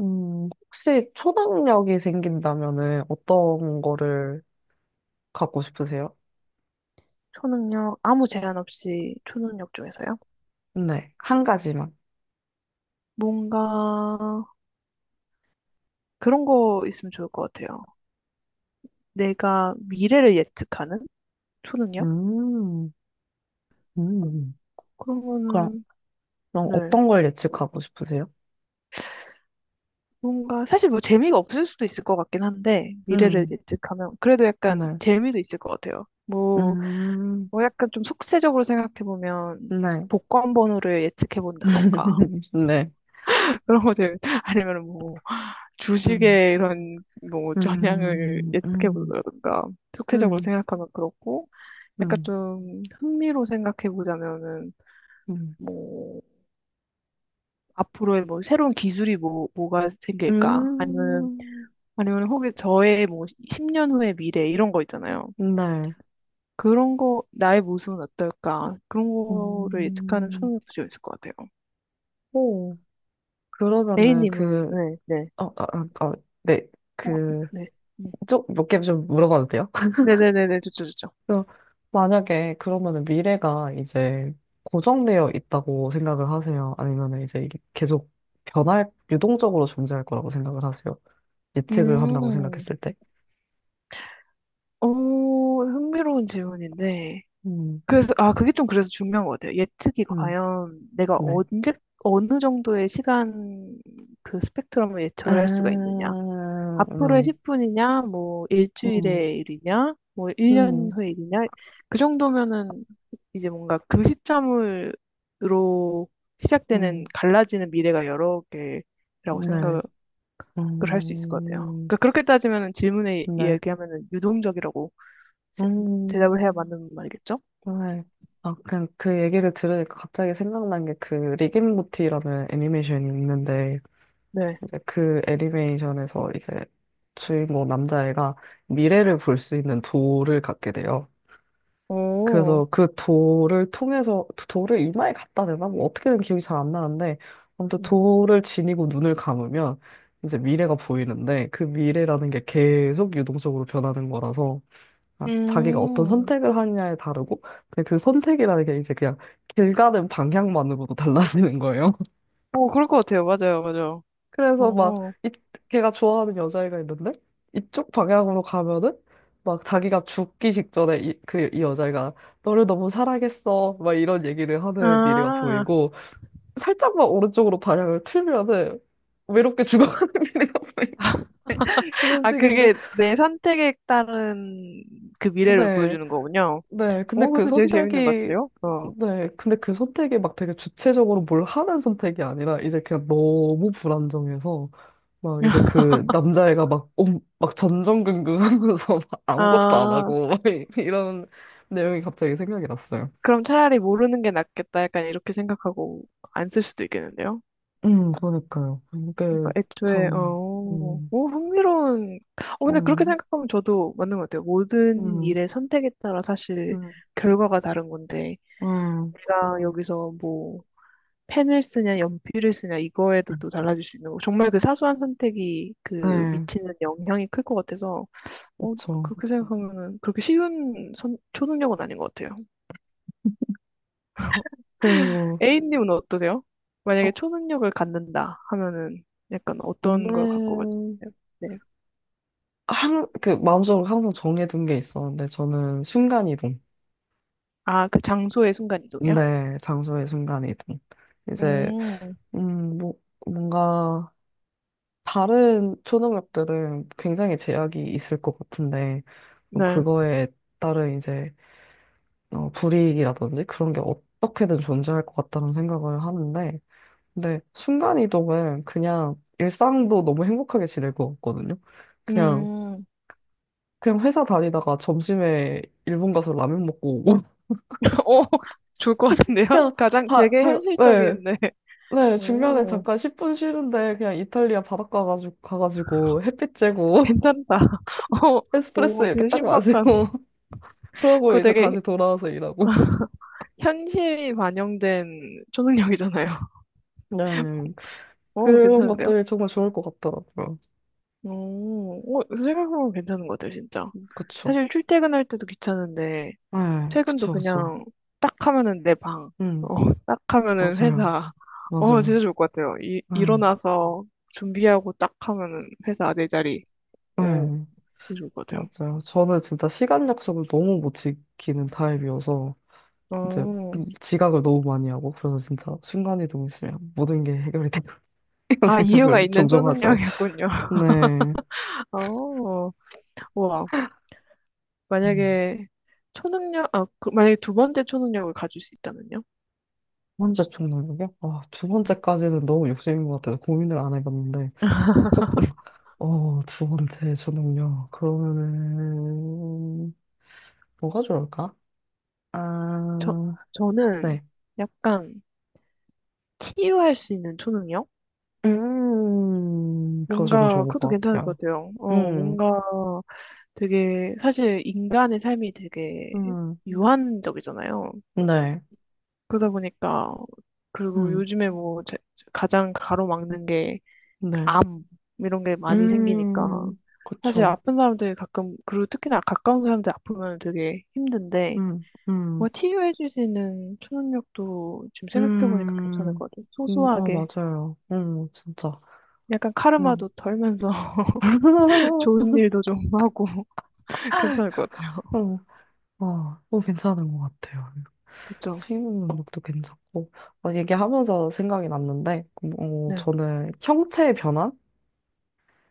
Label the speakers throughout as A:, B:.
A: 혹시 초능력이 생긴다면은 어떤 거를 갖고 싶으세요?
B: 초능력, 아무 제한 없이 초능력 중에서요?
A: 네, 한 가지만.
B: 뭔가 그런 거 있으면 좋을 것 같아요. 내가 미래를 예측하는 초능력?
A: 음, 음.
B: 그런
A: 그럼,
B: 거는,
A: 그럼
B: 네.
A: 어떤 걸 예측하고 싶으세요?
B: 뭔가, 사실 뭐 재미가 없을 수도 있을 것 같긴 한데, 미래를
A: 음,
B: 예측하면. 그래도 약간
A: 네.
B: 재미도 있을 것 같아요. 뭐,
A: 음,
B: 뭐 약간 좀 속세적으로 생각해보면,
A: 네.
B: 복권 번호를 예측해본다던가,
A: 네.
B: 그런 것들, 아니면
A: 음,
B: 주식의 이런 뭐 전향을
A: 음,
B: 예측해
A: 음,
B: 보자든가, 총체적으로
A: 음,
B: 생각하면 그렇고, 약간
A: 음,
B: 좀 흥미로 생각해 보자면은
A: 음,
B: 뭐 앞으로의 뭐 새로운 기술이 뭐가 생길까, 아니면
A: 음,
B: 아니면 혹시 저의 뭐 10년 후의 미래 이런 거 있잖아요.
A: 네.
B: 그런 거 나의 모습은 어떨까, 그런 거를 예측하는
A: 음,
B: 초능력도 좀 있을 것 같아요.
A: 오, 그러면은
B: A님은
A: 그,
B: 네, 네.
A: 어, 아아 어, 네.
B: 어,
A: 그,
B: 네. 네.
A: 쪽몇 개 좀 물어봐도 돼요?
B: 네네네네, 좋죠, 좋죠.
A: 그래서 만약에 그러면은 미래가 이제 고정되어 있다고 생각을 하세요? 아니면은 이제 이게 계속 변할, 유동적으로 존재할 거라고 생각을 하세요? 예측을 한다고
B: 음,
A: 생각했을 때?
B: 오, 흥미로운 질문인데.
A: 음,
B: 그래서, 아, 그게 좀 그래서 중요한 것 같아요. 예측이
A: 음,
B: 과연 내가
A: 네.
B: 언제, 어느 정도의 시간, 그 스펙트럼을
A: 아,
B: 예측을 할 수가 있느냐. 앞으로의
A: 네.
B: 10분이냐, 뭐,
A: 음,
B: 일주일의 일이냐, 뭐, 1년
A: 음,
B: 후의 일이냐. 그 정도면은 이제 뭔가 그 시점으로 시작되는
A: 음,
B: 갈라지는 미래가 여러 개라고
A: 네.
B: 생각을 할 수 있을 것 같아요.
A: 음,
B: 그러니까 그렇게 따지면 질문에
A: 네.
B: 얘기하면 유동적이라고 세-
A: 음,
B: 대답을 해야 맞는 말이겠죠?
A: 네. 그냥 그 얘기를 들으니까 갑자기 생각난 게 그 리겐모티라는 애니메이션이 있는데
B: 네.
A: 이제 그 애니메이션에서 이제 주인공 남자애가 미래를 볼 수 있는 돌을 갖게 돼요.
B: 오,
A: 그래서 그 돌을 통해서 돌을 이마에 갖다 대나? 뭐 어떻게든 기억이 잘 안 나는데 아무튼
B: 음.
A: 돌을 지니고 눈을 감으면 이제 미래가 보이는데 그 미래라는 게 계속 유동적으로 변하는 거라서 아, 자기가 어떤
B: 음,
A: 선택을 하느냐에 다르고 근데 그 선택이라는 게 이제 그냥 길 가는 방향만으로도 달라지는 거예요.
B: 오, 그럴 것 같아요. 맞아요, 맞아요.
A: 그래서 막,
B: 오,
A: 이, 걔가 좋아하는 여자애가 있는데, 이쪽 방향으로 가면은, 막 자기가 죽기 직전에 이 여자애가, 너를 너무 사랑했어. 막 이런 얘기를 하는 미래가
B: 아,
A: 보이고, 살짝만 오른쪽으로 방향을 틀면은, 외롭게 죽어가는 미래가 보이고, 이런
B: 아,
A: 식인데,
B: 그게 내 선택에 따른 그 미래를
A: 네.
B: 보여주는 거군요.
A: 네, 근데
B: 오,
A: 그
B: 그것도 제일 재밌는 것
A: 선택이,
B: 같은데요? 어.
A: 네, 근데 그 선택이 막 되게 주체적으로 뭘 하는 선택이 아니라 이제 그냥 너무 불안정해서 막 이제 그 남자애가 막, 막 전전긍긍 하면서 막 아무것도 안
B: 아,
A: 하고 막 이런 내용이 갑자기 생각이 났어요.
B: 그럼 차라리 모르는 게 낫겠다. 약간 이렇게 생각하고 안 쓸 수도 있겠는데요?
A: 그러니까요. 이게
B: 그러니까 애초에
A: 참,
B: 어,
A: 음,
B: 오, 흥미로운. 어, 근데 그렇게
A: 음,
B: 생각하면 저도 맞는 것 같아요. 모든
A: 음,
B: 일의 선택에 따라 사실
A: 음,
B: 결과가 다른 건데,
A: 음,
B: 내가 여기서 뭐 펜을 쓰냐 연필을 쓰냐, 이거에도 또 달라질 수 있는 거. 정말 그 사소한 선택이 그
A: 네,
B: 미치는 영향이 클 것 같아서, 어,
A: 그쵸.
B: 그렇게 생각하면은 그렇게 쉬운 선, 초능력은 아닌 것 같아요.
A: 그리고
B: A님은 어떠세요? 만약에 초능력을 갖는다 하면은 약간 어떤 걸
A: 오늘
B: 갖고 가세요?
A: 그 마음속으로 항상 정해둔 게 있었는데 저는 순간이동.
B: 아, 그 장소의 순간이동이요?
A: 네, 장소의 순간이동. 이제
B: 음,
A: 뭐 뭔가 다른 초능력들은 굉장히 제약이 있을 것 같은데 뭐
B: 네.
A: 그거에 따른 이제 불이익이라든지 그런 게 어떻게든 존재할 것 같다는 생각을 하는데 근데 순간이동은 그냥 일상도 너무 행복하게 지낼 것 같거든요. 그냥
B: 음,
A: 그냥 회사 다니다가 점심에 일본 가서 라면 먹고 오고
B: 오, 좋을 것 같은데요?
A: 그냥
B: 가장 되게
A: 네,
B: 현실적인데.
A: 네, 중간에
B: 오,
A: 잠깐 10분 쉬는데 그냥 이탈리아 바닷가 가지고, 가가지고 햇빛 쬐고
B: 괜찮다. 오,
A: 에스프레소
B: 오,
A: 이렇게
B: 진짜
A: 딱 마시고
B: 신박한.
A: 그러고
B: 그거
A: 이제
B: 되게
A: 다시 돌아와서 일하고.
B: 현실이 반영된 초능력이잖아요.
A: 네,
B: 오,
A: 그런
B: 괜찮은데요?
A: 것들이 정말 좋을 것 같더라고요.
B: 오, 오, 생각해보면 괜찮은 것 같아요, 진짜.
A: 그쵸.
B: 사실 출퇴근할 때도 귀찮은데,
A: 네,
B: 퇴근도
A: 그쵸, 그쵸.
B: 그냥 딱 하면은 내 방,
A: 음,
B: 어, 딱 하면은
A: 맞아요.
B: 회사. 어, 진짜
A: 맞아요.
B: 좋을 것 같아요. 이,
A: 네,
B: 일어나서 준비하고 딱 하면은 회사 내 자리. 오,
A: 네,
B: 진짜 좋을 것 같아요.
A: 맞아요. 저는 진짜 시간 약속을 너무 못 지키는 타입이어서 이제
B: 어,
A: 지각을 너무 많이 하고 그래서 진짜 순간이동이 있으면 모든 게 해결이 돼. 이런
B: 아, 이유가
A: 생각을
B: 있는
A: 종종 하죠.
B: 초능력이었군요.
A: 네.
B: 어, 와,
A: 음.
B: 만약에 초능력, 아, 그, 만약에 두 번째 초능력을 가질 수 있다면요?
A: 혼자 총 나누게? 아, 두
B: 음.
A: 번째까지는 너무 욕심인 것 같아서 고민을 안 해봤는데, 조금, 두 번째 초능력... 그러면은, 뭐가 좋을까?
B: 저,
A: 아,
B: 저는
A: 네.
B: 약간 치유할 수 있는 초능력?
A: 그거 정말
B: 뭔가,
A: 좋은
B: 그것도
A: 것
B: 괜찮을 것
A: 같아요.
B: 같아요. 어,
A: 음,
B: 뭔가, 되게 사실 인간의 삶이 되게
A: 음,
B: 유한적이잖아요.
A: 네.
B: 그러다 보니까 그리고
A: 음,
B: 요즘에 뭐 가장 가로막는 게
A: 네.
B: 암 이런 게 많이 생기니까 사실
A: 그쵸.
B: 아픈 사람들이 가끔, 그리고 특히나 가까운 사람들 아프면 되게 힘든데,
A: 음, 음,
B: 뭐 치유해줄 수 있는 초능력도 지금 생각해보니까 괜찮을
A: 음,
B: 것 같아요.
A: 아
B: 소소하게
A: 맞아요. 진짜.
B: 약간
A: 어.
B: 카르마도 덜면서
A: 어,
B: 좋은 일도 좀 하고 괜찮을 것 같아요.
A: 와, 괜찮은 것 같아요.
B: 그렇죠?
A: 수입 능력도 괜찮고. 얘기하면서 생각이 났는데,
B: 네.
A: 저는 형체의 변화?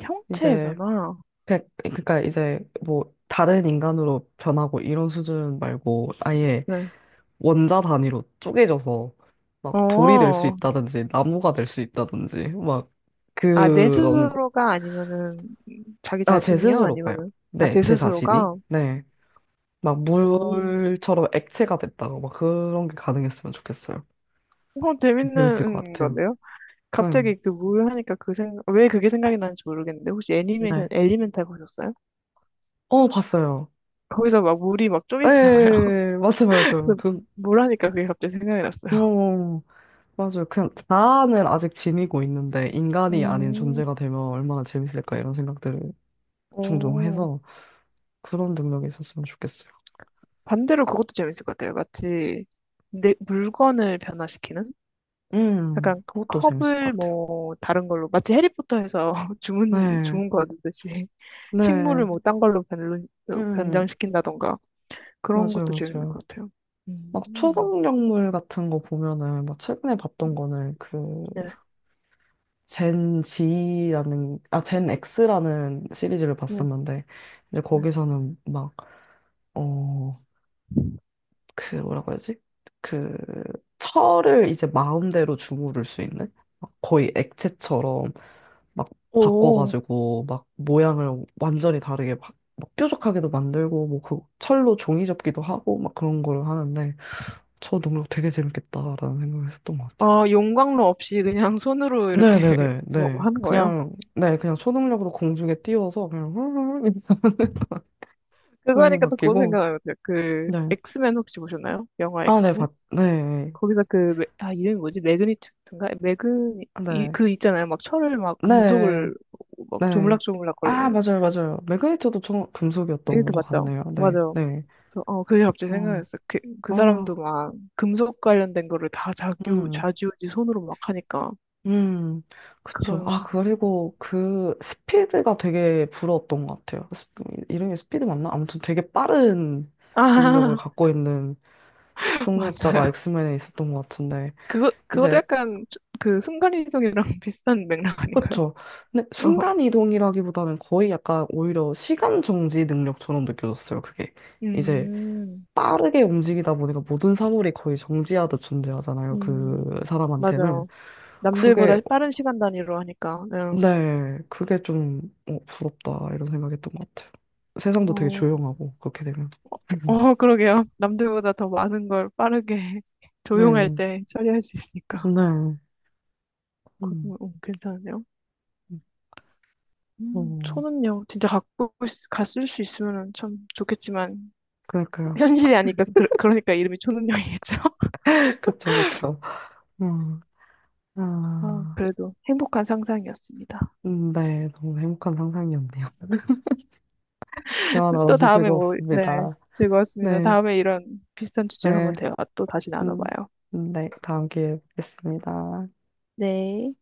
B: 형체의
A: 이제,
B: 변화.
A: 그러니까 이제 뭐 다른 인간으로 변하고 이런 수준 말고 아예
B: 네.
A: 원자 단위로 쪼개져서 막 돌이 될 수
B: 어,
A: 있다든지 나무가 될 수 있다든지 막
B: 아, 내
A: 그런 거.
B: 스스로가 아니면은 자기
A: 아, 제
B: 자신이요?
A: 스스로가요.
B: 아니면은, 아,
A: 네,
B: 제
A: 제 자신이.
B: 스스로가?
A: 네. 막
B: 오,
A: 물처럼 액체가 됐다고 막 그런 게 가능했으면 좋겠어요.
B: 어,
A: 재밌을 것
B: 재밌는
A: 같아요.
B: 건데요?
A: 음.
B: 갑자기 그 물 하니까 그 생각, 왜 그게 생각이 나는지 모르겠는데, 혹시 애니메이션,
A: 네.
B: 엘리멘탈 보셨어요?
A: 어, 봤어요.
B: 거기서 막 물이 막 쪼개지잖아요.
A: 예, 맞아요, 맞아요.
B: 그래서 물 하니까 그게 갑자기 생각이 났어요.
A: 어, 맞아요. 그냥 자아는 아직 지니고 있는데 인간이 아닌
B: 음,
A: 존재가 되면 얼마나 재밌을까 이런 생각들을 종종
B: 오,
A: 해서 그런 능력이 있었으면 좋겠어요.
B: 반대로 그것도 재밌을 것 같아요. 마치 내 물건을 변화시키는? 약간
A: 그것도 재밌을 것
B: 컵을
A: 같아요.
B: 뭐 다른 걸로 마치 해리포터에서 주문
A: 네,
B: 주문 거두듯이 식물을
A: 네,
B: 뭐 딴 걸로 변,
A: 음,
B: 변장시킨다던가 그런 것도
A: 맞아요,
B: 재밌는
A: 맞아요.
B: 것 같아요.
A: 막
B: 음.
A: 초능력물 같은 거 보면은 막 최근에 봤던 거는 그
B: 네,
A: 젠 X라는 시리즈를
B: 네,
A: 봤었는데, 이제
B: 네.
A: 거기서는 막, 어, 뭐라고 해야지? 그, 철을 이제 마음대로 주무를 수 있는? 막 거의 액체처럼 막
B: 오,
A: 바꿔가지고, 막 모양을 완전히 다르게 막, 막 뾰족하게도 만들고, 뭐 그 철로 종이 접기도 하고, 막 그런 걸 하는데, 저 능력 되게 재밌겠다라는 생각을 했었던 것 같아요.
B: 아, 용광로 없이 그냥 손으로 이렇게
A: 네네네,
B: 뭐
A: 네.
B: 하는 거예요?
A: 그냥, 네, 그냥 초능력으로 공중에 띄워서 그냥 훌훌 이렇게 모양이
B: 그거니까 또 그거 생각
A: 바뀌고,
B: 나요 그
A: 네.
B: 엑스맨 혹시 보셨나요? 영화
A: 아, 네,
B: 엑스맨?
A: 네.
B: 거기서 그, 매- 아, 이름이 뭐지? 매그니튜드인가? 매그니,
A: 아,
B: 이,
A: 네.
B: 그 있잖아요. 막 철을 막
A: 네,
B: 금속을 막
A: 네.
B: 조물락조물락
A: 아,
B: 거리는.
A: 맞아요, 맞아요. 매그니터도 금속이었던
B: 매그니튜드
A: 것
B: 맞죠?
A: 같네요. 네,
B: 맞아요.
A: 네.
B: 그래서 어, 그게 갑자기
A: 어,
B: 생각났어. 그, 그 사람도
A: 아,
B: 막 금속 관련된 거를 다 자규,
A: 음,
B: 좌지우지 손으로 막 하니까.
A: 음. 그쵸.
B: 그런,
A: 그리고 그 스피드가 되게 부러웠던 것 같아요. 이름이 스피드 맞나? 아무튼 되게 빠른 능력을
B: 아,
A: 갖고 있는 초능력자가
B: 맞아요.
A: 엑스맨에 있었던 것 같은데.
B: 그거, 그것도
A: 이제
B: 약간 그 순간이동이랑 비슷한 맥락 아닌가요?
A: 그쵸. 근데
B: 어.
A: 순간 이동이라기보다는 거의 약간 오히려 시간 정지 능력처럼 느껴졌어요. 그게 이제
B: 음,
A: 빠르게 움직이다 보니까 모든 사물이 거의 정지하듯 존재하잖아요.
B: 음,
A: 그 사람한테는
B: 맞아요.
A: 그게
B: 남들보다 빠른 시간 단위로 하니까. 네.
A: 네 그게 좀 부럽다 이런 생각했던 것 같아요. 세상도 되게
B: 어,
A: 조용하고 그렇게 되면
B: 어, 그러게요. 남들보다 더 많은 걸 빠르게 조용할
A: 네
B: 때 처리할 수 있으니까.
A: 네. 음.
B: 그것도 어, 괜찮네요.
A: 어,
B: 저는요, 진짜 갖고, 있- 갔을 수 있으면 참 좋겠지만,
A: 그럴까요
B: 현실이 아니까, 그, 그러니까 이름이 초능력이겠죠?
A: 그쵸, 그쵸. 음,
B: 아,
A: 아,
B: 그래도 행복한 상상이었습니다.
A: 네, 너무 행복한 상상이었네요. 대화
B: 또
A: 나눠서
B: 다음에 뭐, 네,
A: 즐거웠습니다.
B: 즐거웠습니다.
A: 네,
B: 다음에 이런 비슷한 주제로
A: 네,
B: 한번 대화 또 다시
A: 음,
B: 나눠봐요.
A: 네, 다음 기회에 뵙겠습니다.
B: 네.